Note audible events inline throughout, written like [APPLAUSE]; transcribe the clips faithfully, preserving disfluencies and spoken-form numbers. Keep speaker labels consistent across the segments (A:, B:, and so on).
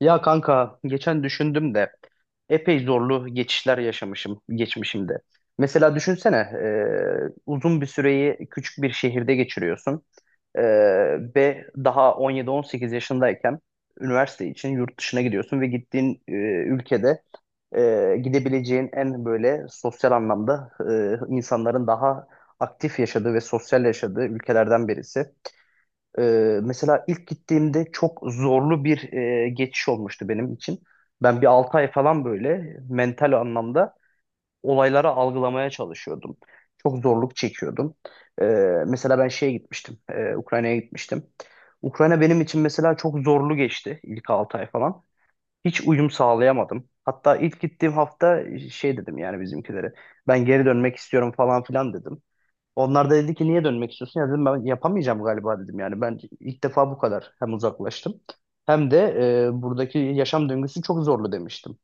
A: Ya kanka geçen düşündüm de epey zorlu geçişler yaşamışım geçmişimde. Mesela düşünsene e, uzun bir süreyi küçük bir şehirde geçiriyorsun. E, Ve daha on yedi on sekiz yaşındayken üniversite için yurt dışına gidiyorsun ve gittiğin e, ülkede e, gidebileceğin en böyle sosyal anlamda, e, insanların daha aktif yaşadığı ve sosyal yaşadığı ülkelerden birisi. Ee, mesela ilk gittiğimde çok zorlu bir e, geçiş olmuştu benim için. Ben bir altı ay falan böyle mental anlamda olayları algılamaya çalışıyordum. Çok zorluk çekiyordum. Ee, mesela ben şeye gitmiştim, e, Ukrayna'ya gitmiştim. Ukrayna benim için mesela çok zorlu geçti ilk altı ay falan. Hiç uyum sağlayamadım. Hatta ilk gittiğim hafta şey dedim yani bizimkilere. Ben geri dönmek istiyorum falan filan dedim. Onlar da dedi ki niye dönmek istiyorsun? Ya dedim ben yapamayacağım galiba dedim yani. Ben ilk defa bu kadar hem uzaklaştım hem de e, buradaki yaşam döngüsü çok zorlu demiştim.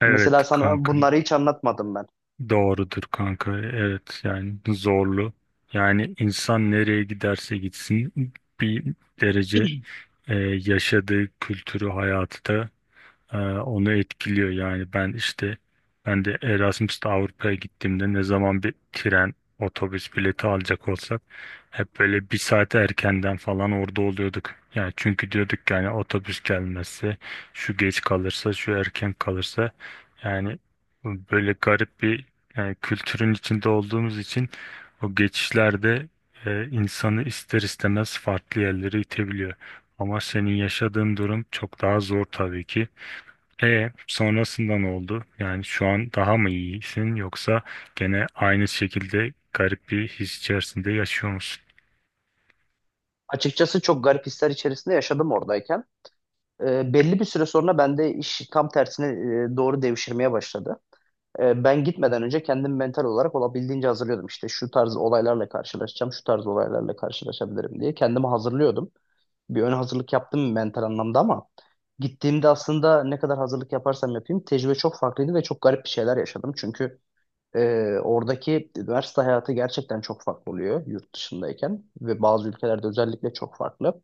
B: Evet
A: Mesela sana
B: kanka,
A: bunları hiç anlatmadım ben.
B: doğrudur kanka, evet. Yani zorlu. Yani insan nereye giderse gitsin bir derece e, yaşadığı kültürü, hayatı da e, onu etkiliyor. Yani ben işte ben de Erasmus'ta Avrupa'ya gittiğimde, ne zaman bir tren, otobüs bileti alacak olsak, hep böyle bir saat erkenden falan orada oluyorduk. Yani çünkü diyorduk ki, yani otobüs gelmezse, şu geç kalırsa, şu erken kalırsa, yani böyle garip bir, yani kültürün içinde olduğumuz için, o geçişlerde e, insanı ister istemez farklı yerlere itebiliyor. Ama senin yaşadığın durum çok daha zor tabii ki. E sonrasında ne oldu? Yani şu an daha mı iyisin, yoksa gene aynı şekilde garip bir his içerisinde yaşıyor musun?
A: Açıkçası çok garip hisler içerisinde yaşadım oradayken. E, belli bir süre sonra bende iş tam tersine e, doğru devşirmeye başladı. E, ben gitmeden önce kendim mental olarak olabildiğince hazırlıyordum. İşte şu tarz olaylarla karşılaşacağım, şu tarz olaylarla karşılaşabilirim diye kendimi hazırlıyordum. Bir ön hazırlık yaptım mental anlamda ama gittiğimde aslında ne kadar hazırlık yaparsam yapayım tecrübe çok farklıydı ve çok garip bir şeyler yaşadım. Çünkü e, oradaki üniversite hayatı gerçekten çok farklı oluyor yurt dışındayken ve bazı ülkelerde özellikle çok farklı.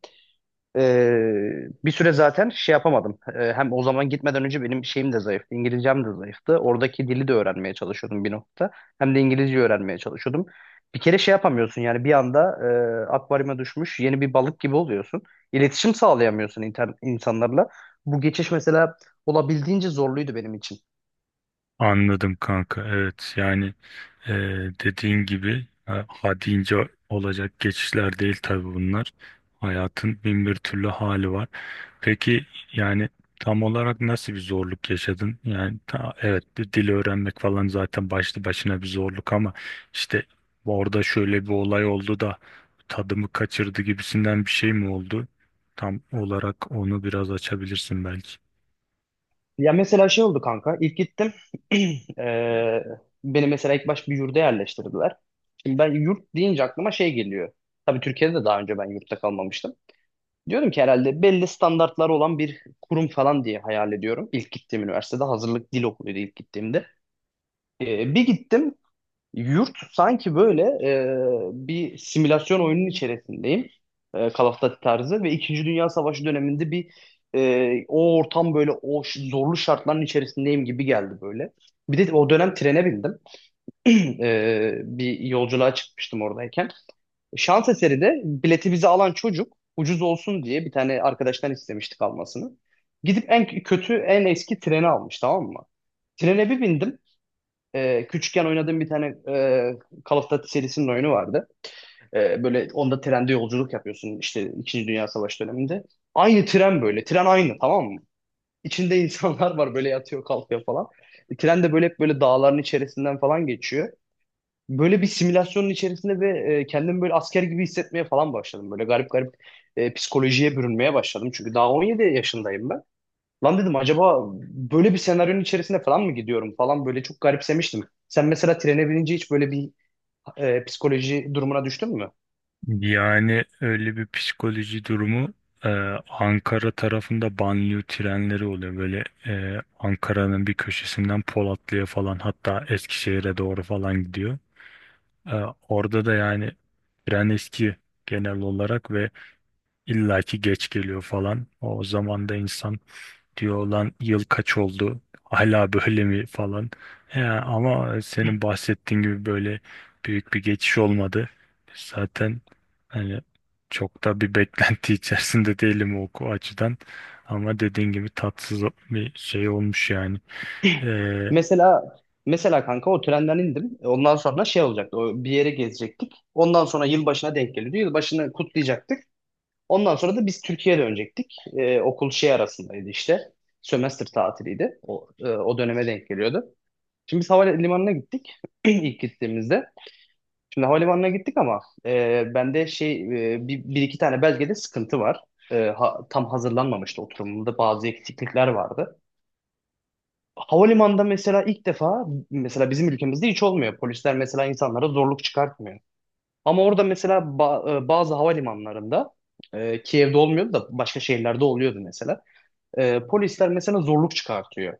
A: Ee, bir süre zaten şey yapamadım. Ee, hem o zaman gitmeden önce benim şeyim de zayıftı. İngilizcem de zayıftı. Oradaki dili de öğrenmeye çalışıyordum bir nokta. Hem de İngilizce öğrenmeye çalışıyordum. Bir kere şey yapamıyorsun yani bir anda e, akvaryuma düşmüş yeni bir balık gibi oluyorsun. İletişim sağlayamıyorsun inter- insanlarla. Bu geçiş mesela olabildiğince zorluydu benim için.
B: Anladım kanka. Evet yani. Ee, Dediğin gibi ha, ha deyince olacak geçişler değil tabii bunlar. Hayatın bin bir türlü hali var. Peki, yani tam olarak nasıl bir zorluk yaşadın? Yani ta- evet, bir dil öğrenmek falan zaten başlı başına bir zorluk ama işte, orada şöyle bir olay oldu da tadımı kaçırdı gibisinden bir şey mi oldu? Tam olarak onu biraz açabilirsin belki.
A: Ya mesela şey oldu kanka. İlk gittim. [CLEARS THROAT] Eee, beni mesela ilk baş bir yurda yerleştirdiler. Şimdi ben yurt deyince aklıma şey geliyor. Tabii Türkiye'de de daha önce ben yurtta kalmamıştım. Diyorum ki herhalde belli standartları olan bir kurum falan diye hayal ediyorum. İlk gittiğim üniversitede hazırlık dil okuluydu ilk gittiğimde. Eee, bir gittim, yurt sanki böyle e, bir simülasyon oyunun içerisindeyim. E, Call of Duty tarzı ve İkinci Dünya Savaşı döneminde bir, e, o ortam böyle o ş- zorlu şartların içerisindeyim gibi geldi böyle. Bir de o dönem trene bindim. [CLEARS THROAT] E, bir yolculuğa çıkmıştım oradayken. Şans eseri de bileti bize alan çocuk ucuz olsun diye bir tane arkadaştan istemiştik almasını. Gidip en kötü en eski treni almış, tamam mı? Trene bir bindim. E, küçükken oynadığım bir tane e, Call of Duty serisinin oyunu vardı. E, böyle onda trende yolculuk yapıyorsun işte İkinci Dünya Savaşı döneminde. Aynı tren böyle. Tren aynı, tamam mı? İçinde [LAUGHS] insanlar var böyle, yatıyor kalkıyor falan. E, tren de böyle hep böyle dağların içerisinden falan geçiyor. Böyle bir simülasyonun içerisinde ve e, kendimi böyle asker gibi hissetmeye falan başladım. Böyle garip garip e, psikolojiye bürünmeye başladım. Çünkü daha on yedi yaşındayım ben. Lan dedim acaba böyle bir senaryonun içerisine falan mı gidiyorum falan, böyle çok garipsemiştim. Sen mesela trene binince hiç böyle bir e, psikoloji durumuna düştün mü?
B: Yani öyle bir psikoloji durumu, e, Ankara tarafında banliyö trenleri oluyor. Böyle e, Ankara'nın bir köşesinden Polatlı'ya falan, hatta Eskişehir'e doğru falan gidiyor. E, Orada da yani tren eski genel olarak ve illaki geç geliyor falan. O zaman da insan diyor, lan yıl kaç oldu hala böyle mi falan. Ya ama senin bahsettiğin gibi böyle büyük bir geçiş olmadı zaten, hani çok da bir beklenti [LAUGHS] içerisinde değilim o, o açıdan. Ama dediğin gibi tatsız bir şey olmuş yani. Ee,
A: Mesela mesela kanka o trenden indim. Ondan sonra şey olacaktı. O bir yere gezecektik. Ondan sonra yılbaşına denk geliyordu. Yılbaşını kutlayacaktık. Ondan sonra da biz Türkiye'ye dönecektik. E, okul şey arasındaydı işte. Sömestr tatiliydi. O, e, o döneme denk geliyordu. Şimdi biz havalimanına gittik [CLEARS THROAT] ilk gittiğimizde. Şimdi havalimanına gittik ama e, bende şey, e, bir, bir iki tane belgede sıkıntı var. E, ha- tam hazırlanmamıştı, oturumumda bazı eksiklikler vardı. Havalimanında mesela ilk defa, mesela bizim ülkemizde hiç olmuyor. Polisler mesela insanlara zorluk çıkartmıyor. Ama orada mesela ba- e, bazı havalimanlarında, e, Kiev'de olmuyordu da başka şehirlerde oluyordu mesela. E, polisler mesela zorluk çıkartıyor.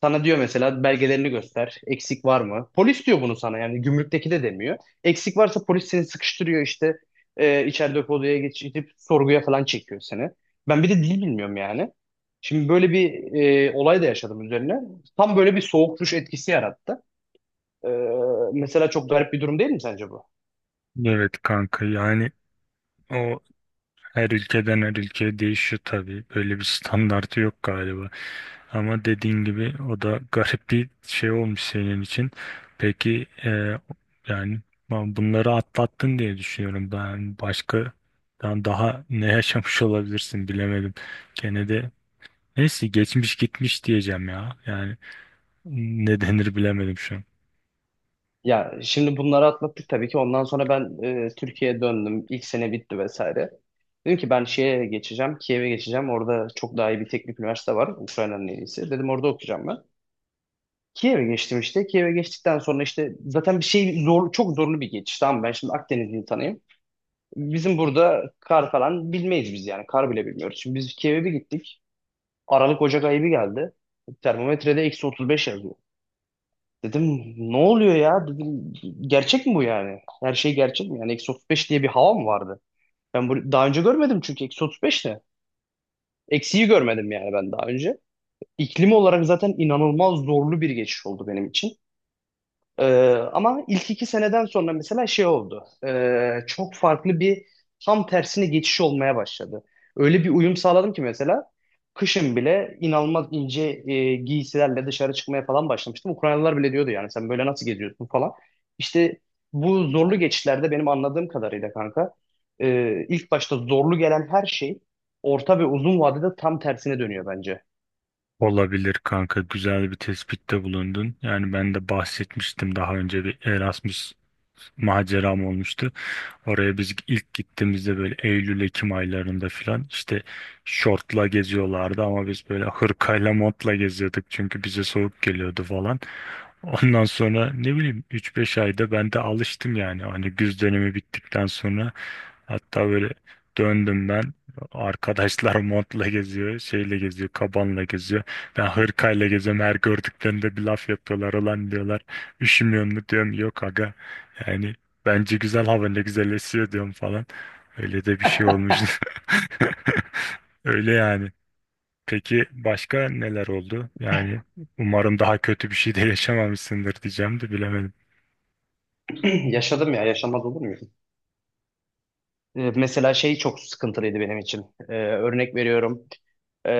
A: Sana diyor mesela belgelerini göster. Eksik var mı? Polis diyor bunu sana yani, gümrükteki de demiyor. Eksik varsa polis seni sıkıştırıyor işte, e, içeride odaya geçirip sorguya falan çekiyor seni. Ben bir de dil bilmiyorum yani. Şimdi böyle bir e, olay da yaşadım üzerine. Tam böyle bir soğuk duş etkisi yarattı. E, mesela çok garip bir durum değil mi sence bu?
B: evet kanka. Yani o her ülkeden her ülkeye değişiyor tabii. Böyle bir standartı yok galiba. Ama dediğin gibi o da garip bir şey olmuş senin için. Peki e, yani, ben bunları atlattın diye düşünüyorum. Ben başka ben daha ne yaşamış olabilirsin bilemedim. Gene de, neyse, geçmiş gitmiş diyeceğim ya. Yani ne denir bilemedim şu an.
A: Ya şimdi bunları atlattık tabii ki. Ondan sonra ben e, Türkiye'ye döndüm. İlk sene bitti vesaire. Dedim ki ben şeye geçeceğim, Kiev'e geçeceğim. Orada çok daha iyi bir teknik üniversite var. Ukrayna'nın en iyisi. Dedim orada okuyacağım ben. Kiev'e geçtim işte. Kiev'e geçtikten sonra işte zaten bir şey zor, çok zorlu bir geçiş. Tamam mı? Ben şimdi Akdeniz insanıyım. Bizim burada kar falan bilmeyiz biz yani. Kar bile bilmiyoruz. Şimdi biz Kiev'e bir gittik. Aralık Ocak ayı bir geldi. Termometrede eksi otuz beş yazıyor. Dedim ne oluyor ya? Dedim gerçek mi bu yani? Her şey gerçek mi? Yani eksi otuz beş diye bir hava mı vardı? Ben bu daha önce görmedim çünkü eksi otuz beş ne? Eksiyi görmedim yani ben daha önce. İklim olarak zaten inanılmaz zorlu bir geçiş oldu benim için. Ee, ama ilk iki seneden sonra mesela şey oldu. Ee, çok farklı bir tam tersine geçiş olmaya başladı. Öyle bir uyum sağladım ki mesela kışın bile inanılmaz ince e, giysilerle dışarı çıkmaya falan başlamıştım. Ukraynalılar bile diyordu yani sen böyle nasıl geziyorsun falan. İşte bu zorlu geçişlerde benim anladığım kadarıyla kanka, e, ilk başta zorlu gelen her şey orta ve uzun vadede tam tersine dönüyor bence.
B: Olabilir kanka, güzel bir tespitte bulundun. Yani ben de bahsetmiştim daha önce, bir Erasmus maceram olmuştu. Oraya biz ilk gittiğimizde böyle Eylül-Ekim aylarında filan, işte şortla geziyorlardı ama biz böyle hırkayla, montla geziyorduk çünkü bize soğuk geliyordu falan. Ondan sonra ne bileyim, üç beş ayda ben de alıştım yani, hani güz dönemi bittikten sonra. Hatta böyle döndüm ben, arkadaşlar [LAUGHS] montla geziyor, şeyle geziyor, kabanla geziyor, ben hırkayla geziyorum. Her gördüklerinde bir laf yapıyorlar, ulan diyorlar üşümüyor mu, diyorum yok aga, yani bence güzel hava, ne güzelleşiyor diyorum falan. Öyle de bir şey olmuş. [LAUGHS] Öyle yani. Peki başka neler oldu? Yani umarım daha kötü bir şey de yaşamamışsındır diyeceğim de bilemedim.
A: [CLEARS THROAT] Yaşadım ya, yaşamaz olur mu? E, mesela şey çok sıkıntılıydı benim için. E, örnek veriyorum. E,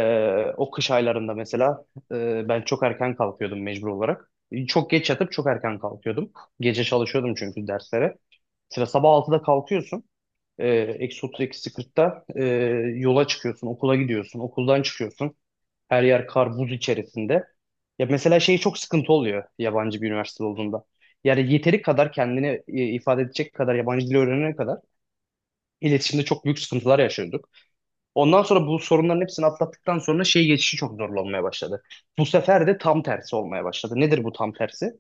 A: o kış aylarında mesela e, ben çok erken kalkıyordum mecbur olarak. E, çok geç yatıp çok erken kalkıyordum. Gece çalışıyordum çünkü derslere. Mesela sabah altıda kalkıyorsun. E, eksi otuz, eksi kırkta e, yola çıkıyorsun, okula gidiyorsun, okuldan çıkıyorsun. Her yer kar, buz içerisinde. Ya mesela şey çok sıkıntı oluyor yabancı bir üniversite olduğunda. Yani yeteri kadar kendini e, ifade edecek kadar yabancı dil öğrenene kadar İletişimde çok büyük sıkıntılar yaşıyorduk. Ondan sonra bu sorunların hepsini atlattıktan sonra şey geçişi çok zorlu olmaya başladı. Bu sefer de tam tersi olmaya başladı. Nedir bu tam tersi?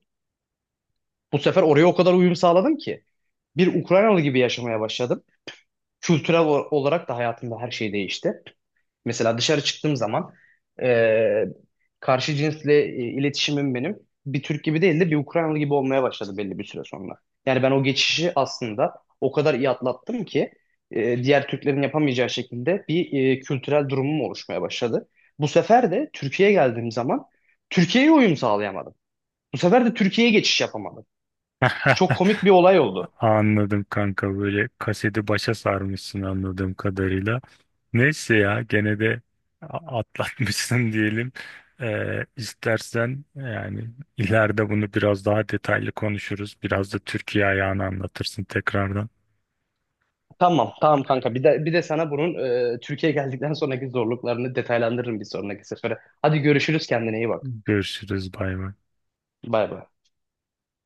A: Bu sefer oraya o kadar uyum sağladım ki bir Ukraynalı gibi yaşamaya başladım. Kültürel o- olarak da hayatımda her şey değişti. Mesela dışarı çıktığım zaman e, karşı cinsle e, iletişimim benim bir Türk gibi değil de bir Ukraynalı gibi olmaya başladı belli bir süre sonra. Yani ben o geçişi aslında o kadar iyi atlattım ki e, diğer Türklerin yapamayacağı şekilde bir e, kültürel durumum oluşmaya başladı. Bu sefer de Türkiye'ye geldiğim zaman Türkiye'ye uyum sağlayamadım. Bu sefer de Türkiye'ye geçiş yapamadım. Çok
B: [LAUGHS]
A: komik bir olay oldu.
B: Anladım kanka, böyle kaseti başa sarmışsın anladığım kadarıyla. Neyse ya, gene de a- atlatmışsın [LAUGHS] diyelim. Ee, istersen yani ileride bunu biraz daha detaylı konuşuruz. Biraz da Türkiye ayağını anlatırsın tekrardan.
A: Tamam, tamam kanka. Bir de bir de sana bunun e, Türkiye geldikten sonraki zorluklarını detaylandırırım bir sonraki sefere. Hadi görüşürüz, kendine iyi bak.
B: Görüşürüz. Bay bay.
A: Bay bay.